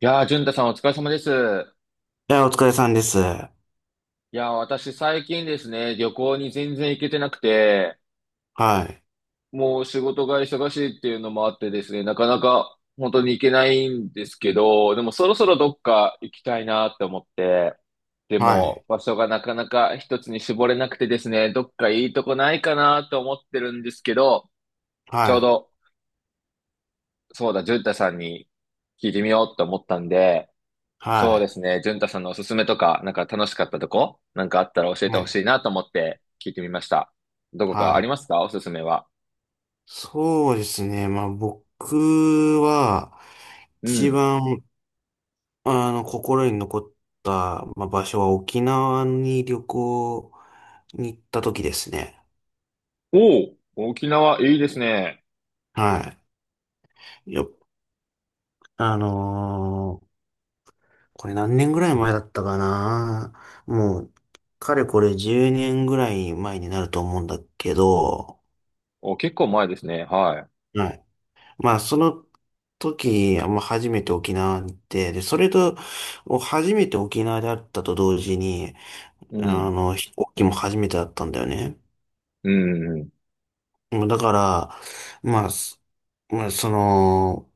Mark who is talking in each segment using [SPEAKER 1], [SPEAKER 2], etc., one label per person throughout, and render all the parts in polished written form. [SPEAKER 1] いやー、淳太さんお疲れ様です。
[SPEAKER 2] いや、お疲れさんです。は
[SPEAKER 1] いやー、私最近ですね、旅行に全然行けてなくて、
[SPEAKER 2] い。
[SPEAKER 1] もう仕事が忙しいっていうのもあってですね、なかなか本当に行けないんですけど、でもそろそろどっか行きたいなって思って、で
[SPEAKER 2] はい。
[SPEAKER 1] も場所がなかなか一つに絞れなくてですね、どっかいいとこないかなと思ってるんですけど、ち
[SPEAKER 2] は
[SPEAKER 1] ょう
[SPEAKER 2] い。
[SPEAKER 1] ど、そうだ、淳太さんに聞いてみようと思ったんで、
[SPEAKER 2] は
[SPEAKER 1] そうで
[SPEAKER 2] い。
[SPEAKER 1] すね。淳太さんのおすすめとか、なんか楽しかったとこ、なんかあったら教えて
[SPEAKER 2] は
[SPEAKER 1] ほ
[SPEAKER 2] い。
[SPEAKER 1] しいなと思って聞いてみました。どこ
[SPEAKER 2] は
[SPEAKER 1] かあり
[SPEAKER 2] い。
[SPEAKER 1] ますか、おすすめは？
[SPEAKER 2] そうですね。僕は、
[SPEAKER 1] う
[SPEAKER 2] 一
[SPEAKER 1] ん。
[SPEAKER 2] 番、心に残った、場所は沖縄に旅行に行った時ですね。
[SPEAKER 1] おお、沖縄いいですね。
[SPEAKER 2] はい。よ、あのーこれ何年ぐらい前だったかな。もう、かれこれ10年ぐらい前になると思うんだけど、
[SPEAKER 1] お、結構前ですね。は
[SPEAKER 2] はい。その時、初めて沖縄に行って、で、それと、初めて沖縄であったと同時に、
[SPEAKER 1] い。うん。
[SPEAKER 2] 飛行機も初めてだったんだよね。
[SPEAKER 1] うん。
[SPEAKER 2] だから、まあ、すまあ、その、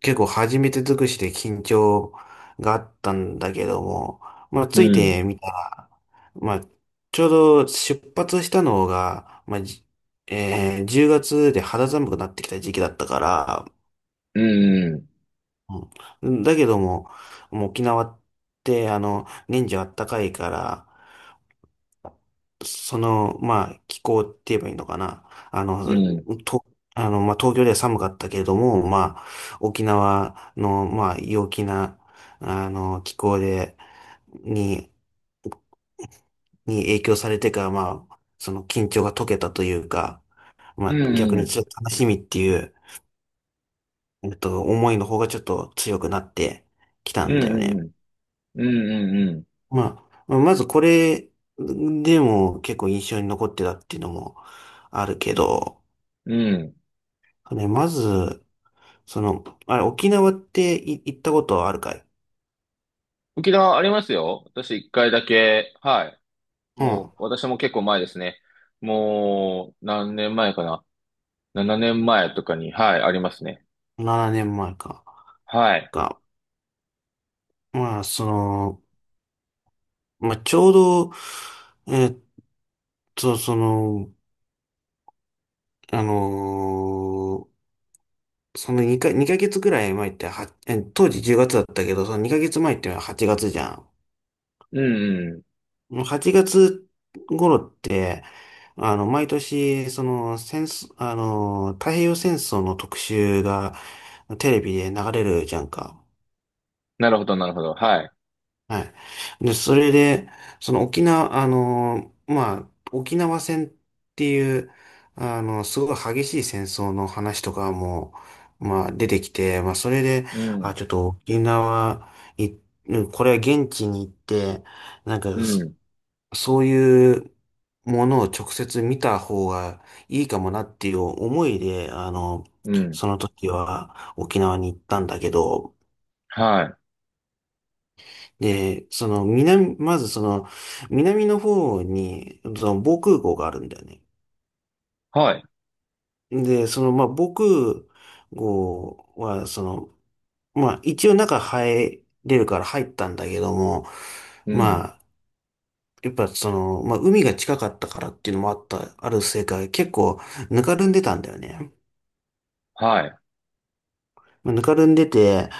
[SPEAKER 2] 結構初めて尽くしで緊張があったんだけども、
[SPEAKER 1] う
[SPEAKER 2] つい
[SPEAKER 1] ん。
[SPEAKER 2] てみたら、まあ、ちょうど出発したのが、まあ、じえー10月で肌寒くなってきた時期だったから、
[SPEAKER 1] うん。
[SPEAKER 2] うんだけども、もう沖縄って、年中あったかいから、気候って言えばいいのかな。あの、
[SPEAKER 1] うん。うん。
[SPEAKER 2] と、あの、まあ、東京では寒かったけれども、沖縄の、陽気な、気候で、に、に影響されてから、その緊張が解けたというか、
[SPEAKER 1] う
[SPEAKER 2] 逆にちょ
[SPEAKER 1] ん。
[SPEAKER 2] っと楽しみっていう、思いの方がちょっと強くなってきた
[SPEAKER 1] う
[SPEAKER 2] んだよ
[SPEAKER 1] ん。
[SPEAKER 2] ね。
[SPEAKER 1] うん。うん。うん。
[SPEAKER 2] まずこれでも結構印象に残ってたっていうのもあるけど、
[SPEAKER 1] うん
[SPEAKER 2] ね、まず、その、あれ、沖縄って行ったことあるかい？
[SPEAKER 1] 沖縄ありますよ。私一回だけ、はい。
[SPEAKER 2] う
[SPEAKER 1] も
[SPEAKER 2] ん。
[SPEAKER 1] う、私も結構前ですね。もう、何年前かな。7年前とかに、はい、ありますね。
[SPEAKER 2] 7年前か。
[SPEAKER 1] はい。
[SPEAKER 2] が、まあ、その、ちょうど、えっと、その、あのーその2ヶ月くらい前っては、当時10月だったけど、その2ヶ月前って8月じゃん。
[SPEAKER 1] うんうん。
[SPEAKER 2] もう8月頃って、毎年、戦争、太平洋戦争の特集がテレビで流れるじゃんか。
[SPEAKER 1] なるほど、なるほど。はい。
[SPEAKER 2] はい。で、それで、沖縄戦っていう、すごい激しい戦争の話とかも、出てきて、それで、
[SPEAKER 1] う
[SPEAKER 2] あ、
[SPEAKER 1] ん。
[SPEAKER 2] ちょっと沖縄、い、うんこれは現地に行って、なんか、
[SPEAKER 1] うん。
[SPEAKER 2] そういうものを直接見た方がいいかもなっていう思いで、
[SPEAKER 1] うん。
[SPEAKER 2] その時は沖縄に行ったんだけど、
[SPEAKER 1] はい。
[SPEAKER 2] で、その南、まずその南の方にその防空壕があるんだよね。
[SPEAKER 1] はい。
[SPEAKER 2] で、その防空壕は一応中入れるから入ったんだけども、
[SPEAKER 1] う
[SPEAKER 2] ま
[SPEAKER 1] ん。
[SPEAKER 2] あやっぱ海が近かったからっていうのもあった、あるせいか結構ぬかるんでたんだよね。
[SPEAKER 1] はい。
[SPEAKER 2] ぬかるんでて、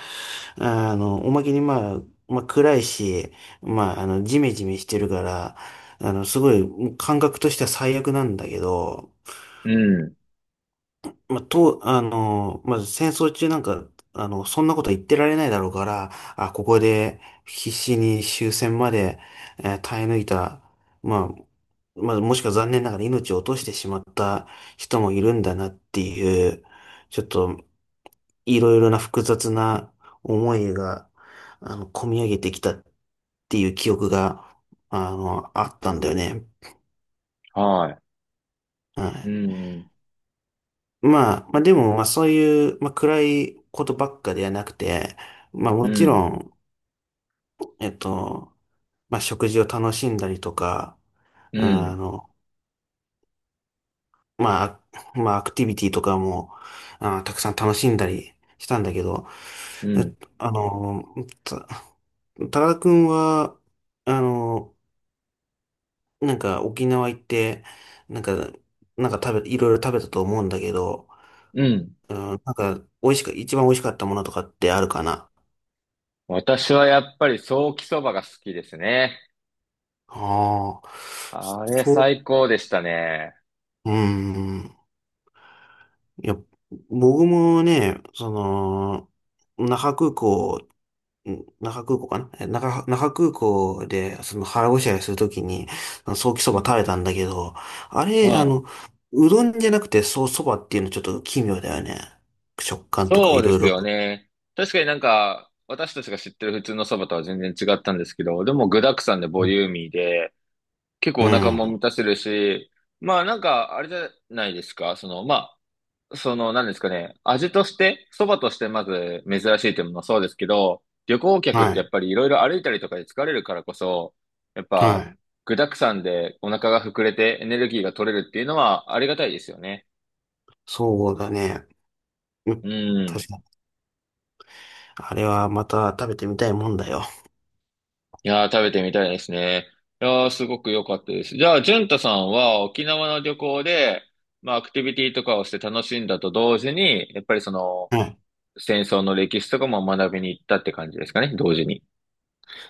[SPEAKER 2] おまけに暗いし、ジメジメしてるから、すごい感覚としては最悪なんだけど、
[SPEAKER 1] うん。
[SPEAKER 2] まあ、と、あの、まあ、戦争中なんか、そんなこと言ってられないだろうから、あ、ここで必死に終戦まで、耐え抜いた、まもしくは残念ながら命を落としてしまった人もいるんだなっていう、ちょっと、いろいろな複雑な思いが、込み上げてきたっていう記憶が、あったんだよね。
[SPEAKER 1] は
[SPEAKER 2] は
[SPEAKER 1] い。う
[SPEAKER 2] い。
[SPEAKER 1] ん。
[SPEAKER 2] でも、そういう、暗いことばっかではなくて、
[SPEAKER 1] う
[SPEAKER 2] もち
[SPEAKER 1] ん。
[SPEAKER 2] ろん、えっと、食事を楽しんだりとか、
[SPEAKER 1] う
[SPEAKER 2] あ
[SPEAKER 1] ん。
[SPEAKER 2] の、まあ、アクティビティとかも、たくさん楽しんだりしたんだけど、
[SPEAKER 1] う
[SPEAKER 2] えっ
[SPEAKER 1] ん。
[SPEAKER 2] と、あの、た、多田くんは、あの、なんか沖縄行って、なんか、なんか食べ、いろいろ食べたと思うんだけど、
[SPEAKER 1] うん。
[SPEAKER 2] うん、なんか美味しく、一番美味しかったものとかってあるかな？
[SPEAKER 1] 私はやっぱりソーキそばが好きですね。
[SPEAKER 2] ああ、
[SPEAKER 1] あれ
[SPEAKER 2] そう、
[SPEAKER 1] 最高でしたね。
[SPEAKER 2] うん。いや、僕もね、その、那覇空港、ん那覇空港かなえ那覇、那覇空港で、その腹ごしらえするときに、ソーキそ
[SPEAKER 1] う
[SPEAKER 2] ば
[SPEAKER 1] ん。
[SPEAKER 2] 食べたんだけど、あれ、
[SPEAKER 1] はい。
[SPEAKER 2] うどんじゃなくてそばっていうのちょっと奇妙だよね。食感とか
[SPEAKER 1] そ
[SPEAKER 2] い
[SPEAKER 1] うで
[SPEAKER 2] ろい
[SPEAKER 1] す
[SPEAKER 2] ろ。
[SPEAKER 1] よね。確かになんか、私たちが知ってる普通のそばとは全然違ったんですけど、でも具沢山でボ
[SPEAKER 2] う
[SPEAKER 1] リューミーで、結構お腹も
[SPEAKER 2] ん。
[SPEAKER 1] 満たせるし、まあなんか、あれじゃないですか、その、まあ、その、なんですかね、味として、そばとしてまず珍しいというものもそうですけど、旅行客っ
[SPEAKER 2] は
[SPEAKER 1] てや
[SPEAKER 2] い。
[SPEAKER 1] っぱりいろいろ歩いたりとかで疲れるからこそ、やっ
[SPEAKER 2] は
[SPEAKER 1] ぱ、
[SPEAKER 2] い。
[SPEAKER 1] 具沢山でお腹が膨れてエネルギーが取れるっていうのはありがたいですよね。
[SPEAKER 2] そうだね。う
[SPEAKER 1] う
[SPEAKER 2] ん
[SPEAKER 1] ん。
[SPEAKER 2] 確かに。あれはまた食べてみたいもんだよ。
[SPEAKER 1] いやー、食べてみたいですね。いやー、すごく良かったです。じゃあ、淳太さんは沖縄の旅行で、まあ、アクティビティとかをして楽しんだと同時に、やっぱりその、
[SPEAKER 2] はい。
[SPEAKER 1] 戦争の歴史とかも学びに行ったって感じですかね、同時に。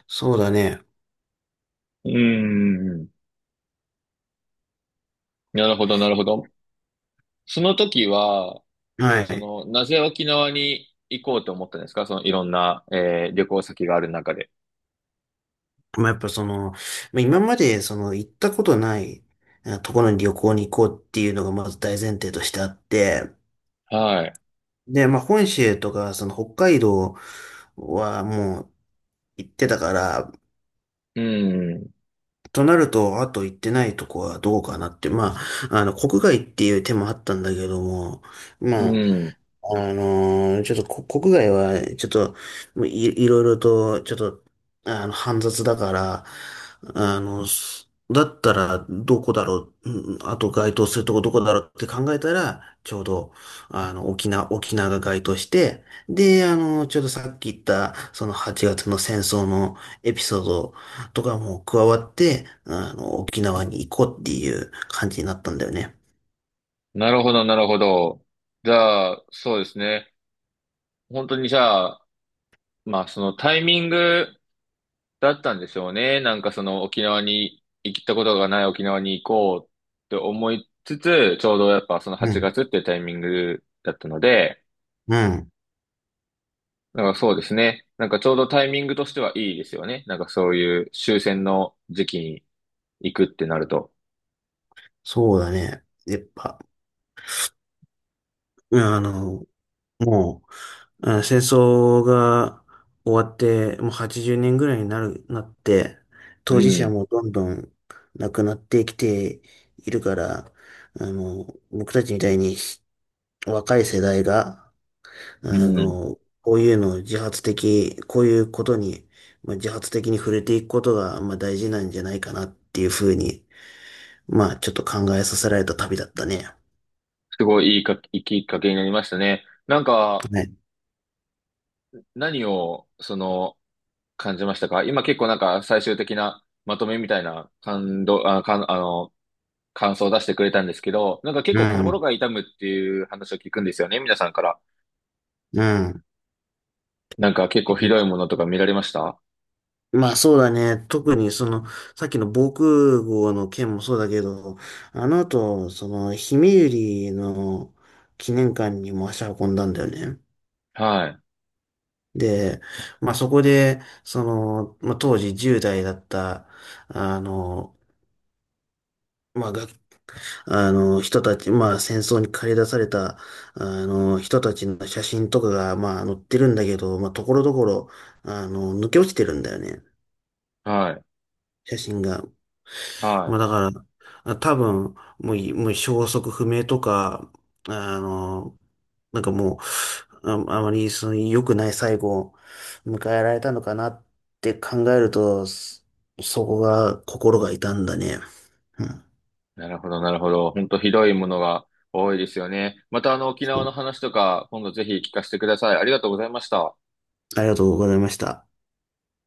[SPEAKER 2] そうだね。
[SPEAKER 1] うーん。なるほど、なるほど。その時は、
[SPEAKER 2] は
[SPEAKER 1] そ
[SPEAKER 2] い。
[SPEAKER 1] の、なぜ沖縄に行こうと思ったんですか、その、いろんな、旅行先がある中で。
[SPEAKER 2] やっぱ今までその行ったことないところに旅行に行こうっていうのがまず大前提としてあって、
[SPEAKER 1] はい。
[SPEAKER 2] で、本州とかその北海道はもう行ってたから、
[SPEAKER 1] うん。
[SPEAKER 2] となると、あと行ってないとこはどうかなって、国外っていう手もあったんだけども、
[SPEAKER 1] う
[SPEAKER 2] まあ、
[SPEAKER 1] ん。
[SPEAKER 2] ちょっと国外は、ちょっと、もうい、いろいろと、ちょっと、煩雑だから、だったら、どこだろう、あと該当するとこどこだろうって考えたら、ちょうど、沖縄が該当して、で、ちょうどさっき言った、その8月の戦争のエピソードとかも加わって、沖縄に行こうっていう感じになったんだよね。
[SPEAKER 1] なるほど、なるほど。じゃあ、そうですね。本当にじゃあ、まあ、そのタイミングだったんでしょうね。なんかその沖縄に行ったことがない沖縄に行こうって思いつつ、ちょうどやっぱその
[SPEAKER 2] う
[SPEAKER 1] 8
[SPEAKER 2] ん。
[SPEAKER 1] 月っていうタイミングだったので、
[SPEAKER 2] うん。
[SPEAKER 1] なんかそうですね。なんかちょうどタイミングとしてはいいですよね。なんかそういう終戦の時期に行くってなると。
[SPEAKER 2] そうだね。やっぱ、うんあの、もう、うん戦争が終わって、もう80年ぐらいになって、
[SPEAKER 1] う
[SPEAKER 2] 当事者
[SPEAKER 1] ん。
[SPEAKER 2] もどんどん亡くなってきているから、あの、僕たちみたいに若い世代が、
[SPEAKER 1] うん。
[SPEAKER 2] こういうのを自発的、こういうことに、自発的に触れていくことが、大事なんじゃないかなっていうふうに、ちょっと考えさせられた旅だったね。
[SPEAKER 1] すごいいいか、いいきっかけになりましたね。なんか
[SPEAKER 2] ね。
[SPEAKER 1] 何をその感じましたか？今結構なんか最終的なまとめみたいな感動、あ、かん、あの、感想を出してくれたんですけど、なんか結
[SPEAKER 2] う
[SPEAKER 1] 構
[SPEAKER 2] ん。
[SPEAKER 1] 心が痛むっていう話を聞くんですよね、皆さんから。
[SPEAKER 2] うん。
[SPEAKER 1] なんか結構ひどいものとか見られました？
[SPEAKER 2] そうだね。特にさっきの防空壕の件もそうだけど、あの後、ひめゆりの記念館にも足運んだんだよね。
[SPEAKER 1] はい、
[SPEAKER 2] で、そこで、当時10代だった、あの、まあ、が、あの、人たち、戦争に駆り出された、人たちの写真とかが、載ってるんだけど、ところどころ、抜け落ちてるんだよね、
[SPEAKER 1] はい、
[SPEAKER 2] 写真が。
[SPEAKER 1] は
[SPEAKER 2] だ
[SPEAKER 1] い。
[SPEAKER 2] から、多分、もう消息不明とか、あの、もう、あまり、良くない最後を迎えられたのかなって考えると、そこが、心が痛んだね。うん。
[SPEAKER 1] なるほど、なるほど。本当ひどいものが多いですよね。またあの沖
[SPEAKER 2] そ
[SPEAKER 1] 縄
[SPEAKER 2] う
[SPEAKER 1] の話とか、今度ぜひ聞かせてください。ありがとうございました。
[SPEAKER 2] ありがとうございました。